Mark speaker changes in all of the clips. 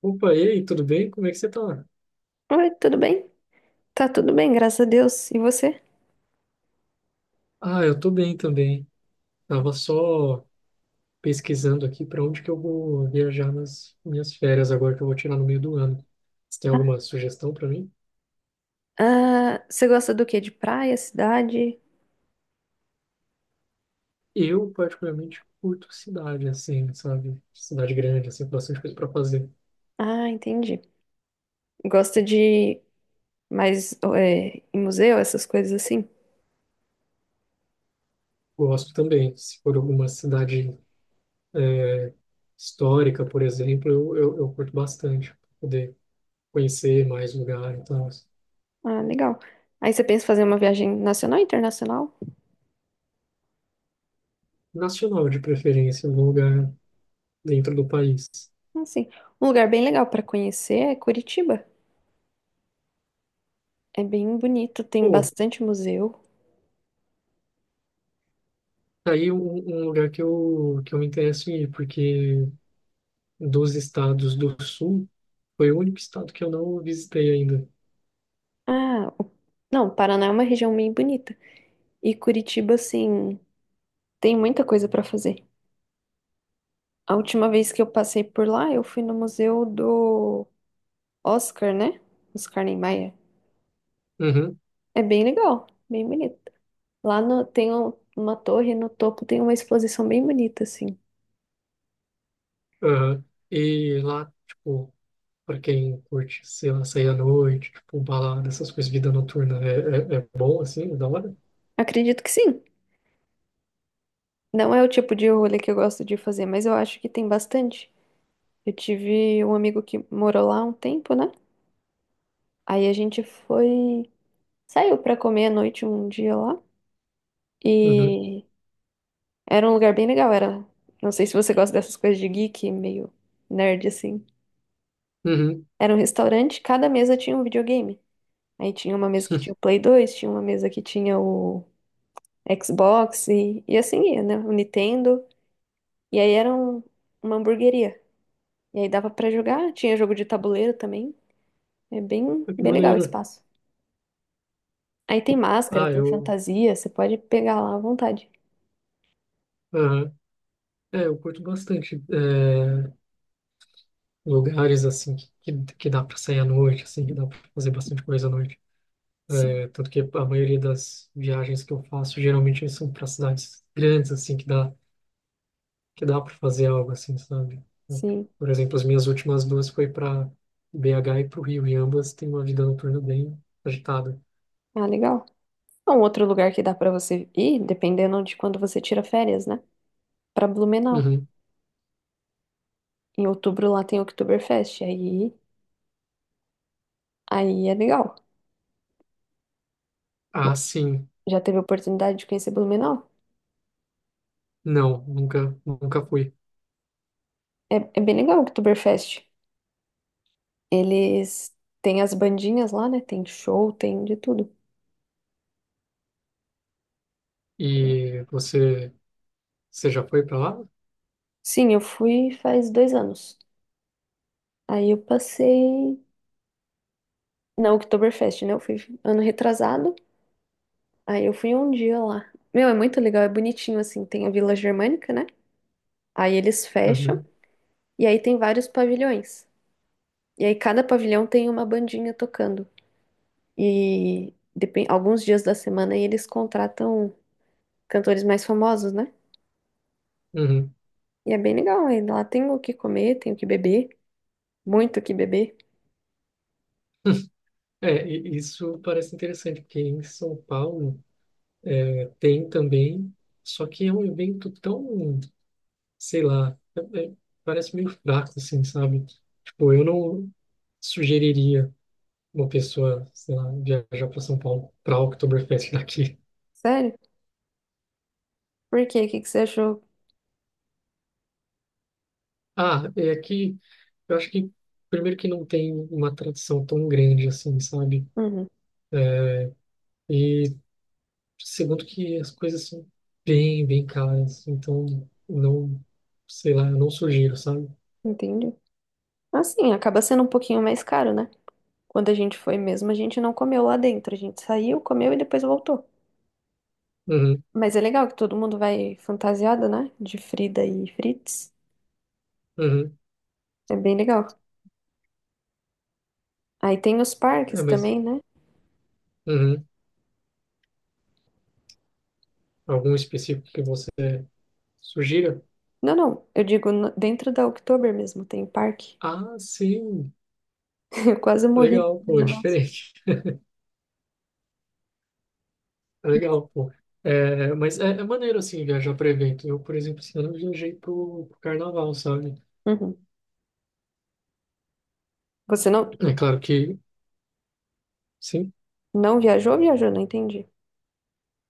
Speaker 1: Opa, e aí, tudo bem? Como é que você tá?
Speaker 2: Oi, tudo bem? Tá tudo bem, graças a Deus. E você?
Speaker 1: Ah, eu tô bem também. Tava só pesquisando aqui para onde que eu vou viajar nas minhas férias agora que eu vou tirar no meio do ano. Você tem
Speaker 2: Ah,
Speaker 1: alguma sugestão para mim?
Speaker 2: ah, você gosta do quê? De praia, cidade?
Speaker 1: Eu particularmente curto cidade assim, sabe? Cidade grande, assim, com bastante coisa para fazer.
Speaker 2: Ah, entendi. Gosta de mais em museu, essas coisas assim?
Speaker 1: Gosto também. Se for alguma cidade é, histórica, por exemplo, eu curto bastante pra poder conhecer mais lugar, então,
Speaker 2: Ah, legal. Aí você pensa em fazer uma viagem nacional, e internacional?
Speaker 1: nacional de preferência, algum lugar dentro do país.
Speaker 2: Ah, sim. Um lugar bem legal pra conhecer é Curitiba. É bem bonito, tem
Speaker 1: Pô,
Speaker 2: bastante museu.
Speaker 1: tá aí um lugar que eu me interesso em ir, porque dos estados do sul, foi o único estado que eu não visitei ainda.
Speaker 2: Ah, não, Paraná é uma região bem bonita. E Curitiba, assim, tem muita coisa pra fazer. A última vez que eu passei por lá, eu fui no museu do Oscar, né? Oscar Niemeyer.
Speaker 1: Uhum,
Speaker 2: É bem legal, bem bonito. Lá tem uma torre, no topo tem uma exposição bem bonita, assim.
Speaker 1: aham. E lá, tipo, pra quem curte, sei lá, sair à noite, tipo, um balada, essas coisas, vida noturna, é bom, assim, é da hora?
Speaker 2: Acredito que sim. Não é o tipo de rolê que eu gosto de fazer, mas eu acho que tem bastante. Eu tive um amigo que morou lá um tempo, né? Aí a gente foi, saiu pra comer à noite um dia lá
Speaker 1: Uhum,
Speaker 2: e era um lugar bem legal, era, não sei se você gosta dessas coisas de geek, meio nerd assim.
Speaker 1: uhum.
Speaker 2: Era um restaurante, cada mesa tinha um videogame. Aí tinha uma mesa que tinha o Play 2, tinha uma mesa que tinha o Xbox e assim ia, né? O Nintendo. E aí era uma hamburgueria. E aí dava pra jogar, tinha jogo de tabuleiro também. É bem,
Speaker 1: Ah, que
Speaker 2: bem legal o
Speaker 1: maneiro.
Speaker 2: espaço. Aí tem máscara,
Speaker 1: Ah,
Speaker 2: tem
Speaker 1: eu,
Speaker 2: fantasia, você pode pegar lá à vontade.
Speaker 1: aham. É, eu curto bastante lugares, assim, que, que dá pra sair à noite, assim, que dá pra fazer bastante coisa à noite.
Speaker 2: Sim,
Speaker 1: É, tanto que a maioria das viagens que eu faço geralmente são para cidades grandes, assim, que dá para fazer algo assim, sabe? Então,
Speaker 2: sim.
Speaker 1: por exemplo, as minhas últimas duas foi para BH e para o Rio, e ambas têm uma vida noturna bem agitada.
Speaker 2: Ah, legal. É um outro lugar que dá pra você ir, dependendo de quando você tira férias, né? Pra Blumenau.
Speaker 1: Uhum.
Speaker 2: Em outubro lá tem Oktoberfest, aí é legal, né?
Speaker 1: Ah, sim.
Speaker 2: Já teve a oportunidade de conhecer Blumenau?
Speaker 1: Não, nunca, nunca fui.
Speaker 2: É, é bem legal o Oktoberfest. Eles têm as bandinhas lá, né? Tem show, tem de tudo.
Speaker 1: E você, você já foi para lá?
Speaker 2: Sim, eu fui faz 2 anos. Aí eu passei na Oktoberfest, né? Eu fui ano retrasado. Aí eu fui um dia lá. Meu, é muito legal, é bonitinho assim. Tem a Vila Germânica, né? Aí eles fecham.
Speaker 1: Uhum,
Speaker 2: E aí tem vários pavilhões. E aí cada pavilhão tem uma bandinha tocando. E alguns dias da semana aí eles contratam cantores mais famosos, né?
Speaker 1: uhum.
Speaker 2: E é bem legal, aí lá tem o que comer, tem o que beber, muito o que beber.
Speaker 1: É, isso parece interessante, porque em São Paulo é, tem também, só que é um evento tão, sei lá, é- é- parece meio fraco, assim, sabe? Tipo, eu não sugeriria uma pessoa, sei lá, viajar para São Paulo para Oktoberfest daqui.
Speaker 2: Sério? Por quê? O que que você achou?
Speaker 1: Ah, é que eu acho que, primeiro, que não tem uma tradição tão grande assim, sabe?
Speaker 2: Uhum,
Speaker 1: É, e segundo que as coisas são bem, bem caras, então não, sei lá, eu não sugiro, sabe?
Speaker 2: entendi. Assim, acaba sendo um pouquinho mais caro, né? Quando a gente foi mesmo, a gente não comeu lá dentro. A gente saiu, comeu e depois voltou.
Speaker 1: Uhum,
Speaker 2: Mas é legal que todo mundo vai fantasiado, né? De Frida e Fritz.
Speaker 1: uhum.
Speaker 2: É bem legal. Aí tem os parques
Speaker 1: É, mas
Speaker 2: também, né?
Speaker 1: uhum. Algum específico que você sugira?
Speaker 2: Não, não. Eu digo dentro da Oktober mesmo, tem parque.
Speaker 1: Ah, sim.
Speaker 2: Eu quase morri
Speaker 1: Legal,
Speaker 2: naqueles
Speaker 1: pô, é
Speaker 2: negócios.
Speaker 1: diferente. É legal, pô. É, mas é maneiro, assim, viajar para evento. Eu, por exemplo, esse ano eu viajei pro carnaval, sabe?
Speaker 2: Uhum. Você não,
Speaker 1: É claro que, sim,
Speaker 2: não viajou? Viajou, não entendi.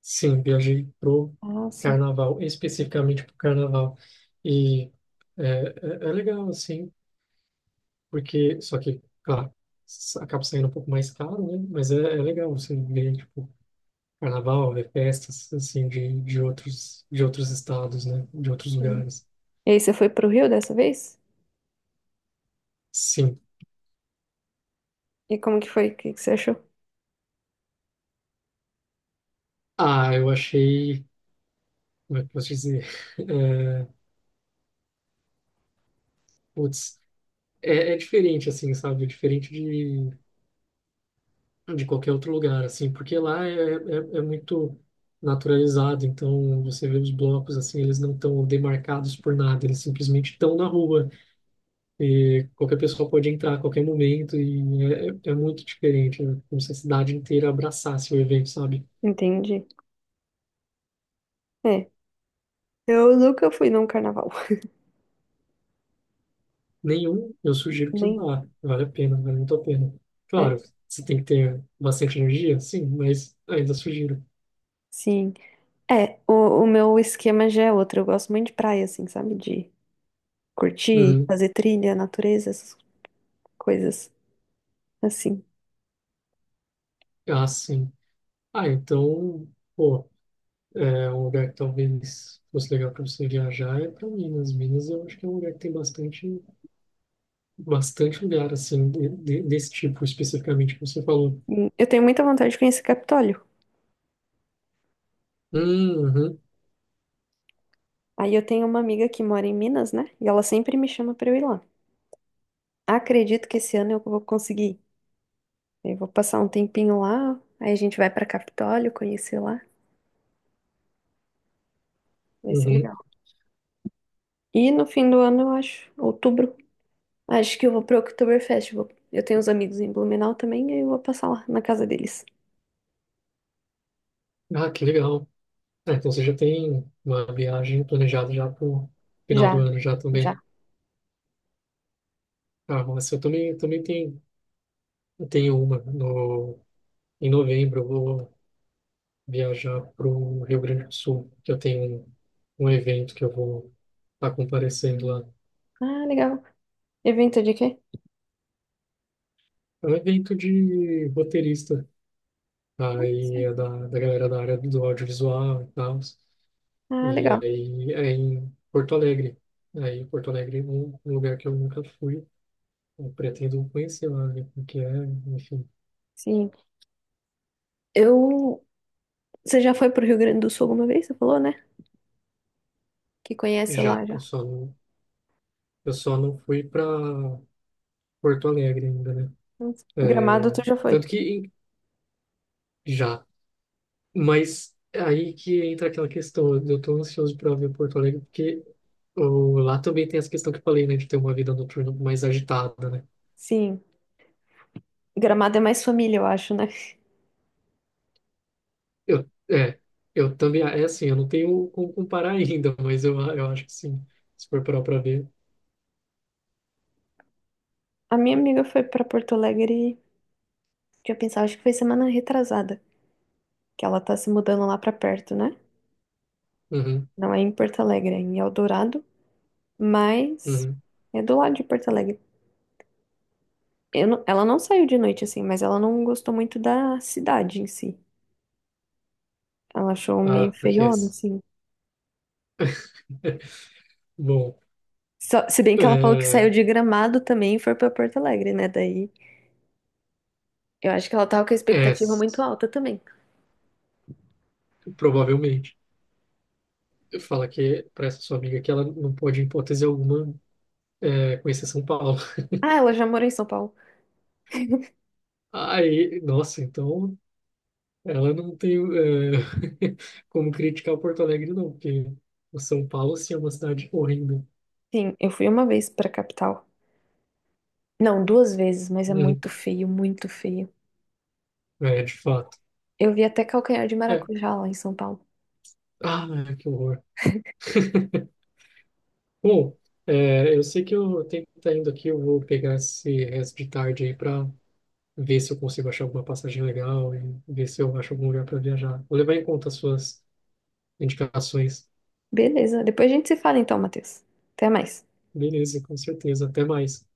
Speaker 1: sim, viajei pro
Speaker 2: Ah, sim.
Speaker 1: carnaval, especificamente pro carnaval. E é, é, é legal, assim, porque, só que, claro, acaba saindo um pouco mais caro, né? Mas é legal você ver, tipo, carnaval, ver festas, assim, de outros estados, né? De outros
Speaker 2: Sim.
Speaker 1: lugares.
Speaker 2: E aí, você foi pro Rio dessa vez?
Speaker 1: Sim.
Speaker 2: E como que foi? O que que você achou?
Speaker 1: Ah, eu achei. Como é que eu posso dizer? É, putz, é diferente, assim, sabe? É diferente de qualquer outro lugar, assim, porque lá é muito naturalizado, então você vê os blocos, assim, eles não estão demarcados por nada, eles simplesmente estão na rua e qualquer pessoa pode entrar a qualquer momento e é muito diferente, né? Como se a cidade inteira abraçasse o evento, sabe?
Speaker 2: Entendi. É, eu nunca fui num carnaval.
Speaker 1: Nenhum, eu sugiro que
Speaker 2: Nenhum.
Speaker 1: vá, vale a pena, vale muito a pena. Claro,
Speaker 2: É,
Speaker 1: você tem que ter bastante energia, sim, mas ainda sugiro.
Speaker 2: sim. É, o meu esquema já é outro. Eu gosto muito de praia, assim, sabe? De curtir,
Speaker 1: Uhum.
Speaker 2: fazer trilha, natureza, essas coisas assim.
Speaker 1: Ah, sim. Ah, então, pô, é um lugar que talvez fosse legal para você viajar é para Minas. Minas eu acho que é um lugar que tem bastante, bastante lugar, assim, desse tipo especificamente que você falou.
Speaker 2: E eu tenho muita vontade de conhecer Capitólio.
Speaker 1: Uhum,
Speaker 2: Aí eu tenho uma amiga que mora em Minas, né? E ela sempre me chama pra eu ir lá. Acredito que esse ano eu vou conseguir. Eu vou passar um tempinho lá, aí a gente vai pra Capitólio, conhecer lá. Vai ser
Speaker 1: uhum.
Speaker 2: legal. E no fim do ano, eu acho, outubro, acho que eu vou pro Oktoberfest. Eu tenho uns amigos em Blumenau também, aí eu vou passar lá na casa deles.
Speaker 1: Ah, que legal. Ah, então você já tem uma viagem planejada já para o final
Speaker 2: Já,
Speaker 1: do ano já também.
Speaker 2: já.
Speaker 1: Ah, nossa, eu também tenho, eu tenho uma no, em novembro. Viajar para o Rio Grande do Sul, que eu tenho um evento que eu vou estar comparecendo lá.
Speaker 2: Ah, legal. Evento de quê?
Speaker 1: É um evento de roteirista, aí
Speaker 2: Sim.
Speaker 1: é da, da galera da área do audiovisual e tal,
Speaker 2: Ah,
Speaker 1: e
Speaker 2: legal.
Speaker 1: aí é em Porto Alegre. Aí Porto Alegre é um lugar que eu nunca fui, eu pretendo conhecer lá, ver como que é, enfim,
Speaker 2: Sim. Eu. Você já foi pro Rio Grande do Sul alguma vez? Você falou, né? Que conhece lá
Speaker 1: já.
Speaker 2: já.
Speaker 1: Eu só não fui para Porto Alegre ainda, né?
Speaker 2: Gramado,
Speaker 1: É,
Speaker 2: tu já foi?
Speaker 1: tanto que já. Mas aí que entra aquela questão, eu tô ansioso para ver Porto Alegre, porque ô, lá também tem essa questão que eu falei, né, de ter uma vida noturna mais agitada, né?
Speaker 2: Sim. Gramado é mais família, eu acho, né?
Speaker 1: Eu, é, eu também, é assim, eu não tenho como comparar ainda, mas eu acho que sim, se for parar para ver.
Speaker 2: A minha amiga foi pra Porto Alegre, tinha pensado, acho que foi semana retrasada, que ela tá se mudando lá pra perto, né?
Speaker 1: Uhum,
Speaker 2: Não é em Porto Alegre, é em Eldorado. Mas
Speaker 1: uhum.
Speaker 2: é do lado de Porto Alegre. Eu ela não saiu de noite assim, mas ela não gostou muito da cidade em si. Ela achou meio
Speaker 1: Ah, porque
Speaker 2: feiona,
Speaker 1: essa.
Speaker 2: assim.
Speaker 1: Bom,
Speaker 2: Se bem que ela falou que saiu
Speaker 1: é,
Speaker 2: de Gramado também e foi pra Porto Alegre, né? Daí eu acho que ela tava com a
Speaker 1: é,
Speaker 2: expectativa muito alta também.
Speaker 1: provavelmente. Fala que para essa sua amiga que ela não pode, em hipótese alguma, conhecer São Paulo.
Speaker 2: Ah, ela já morou em São Paulo.
Speaker 1: Aí, nossa, então ela não tem como criticar o Porto Alegre, não, porque o São Paulo, sim, é uma cidade horrível.
Speaker 2: Sim, eu fui uma vez pra capital. Não, 2 vezes, mas é
Speaker 1: Uhum.
Speaker 2: muito feio, muito feio.
Speaker 1: É, de fato.
Speaker 2: Eu vi até calcanhar de
Speaker 1: É.
Speaker 2: maracujá lá em São Paulo.
Speaker 1: Ah, que horror. Bom, eu sei que eu tenho que estar indo aqui, eu vou pegar esse resto de tarde aí para ver se eu consigo achar alguma passagem legal e ver se eu acho algum lugar para viajar. Vou levar em conta as suas indicações.
Speaker 2: Beleza, depois a gente se fala então, Matheus. Até mais.
Speaker 1: Beleza, com certeza. Até mais.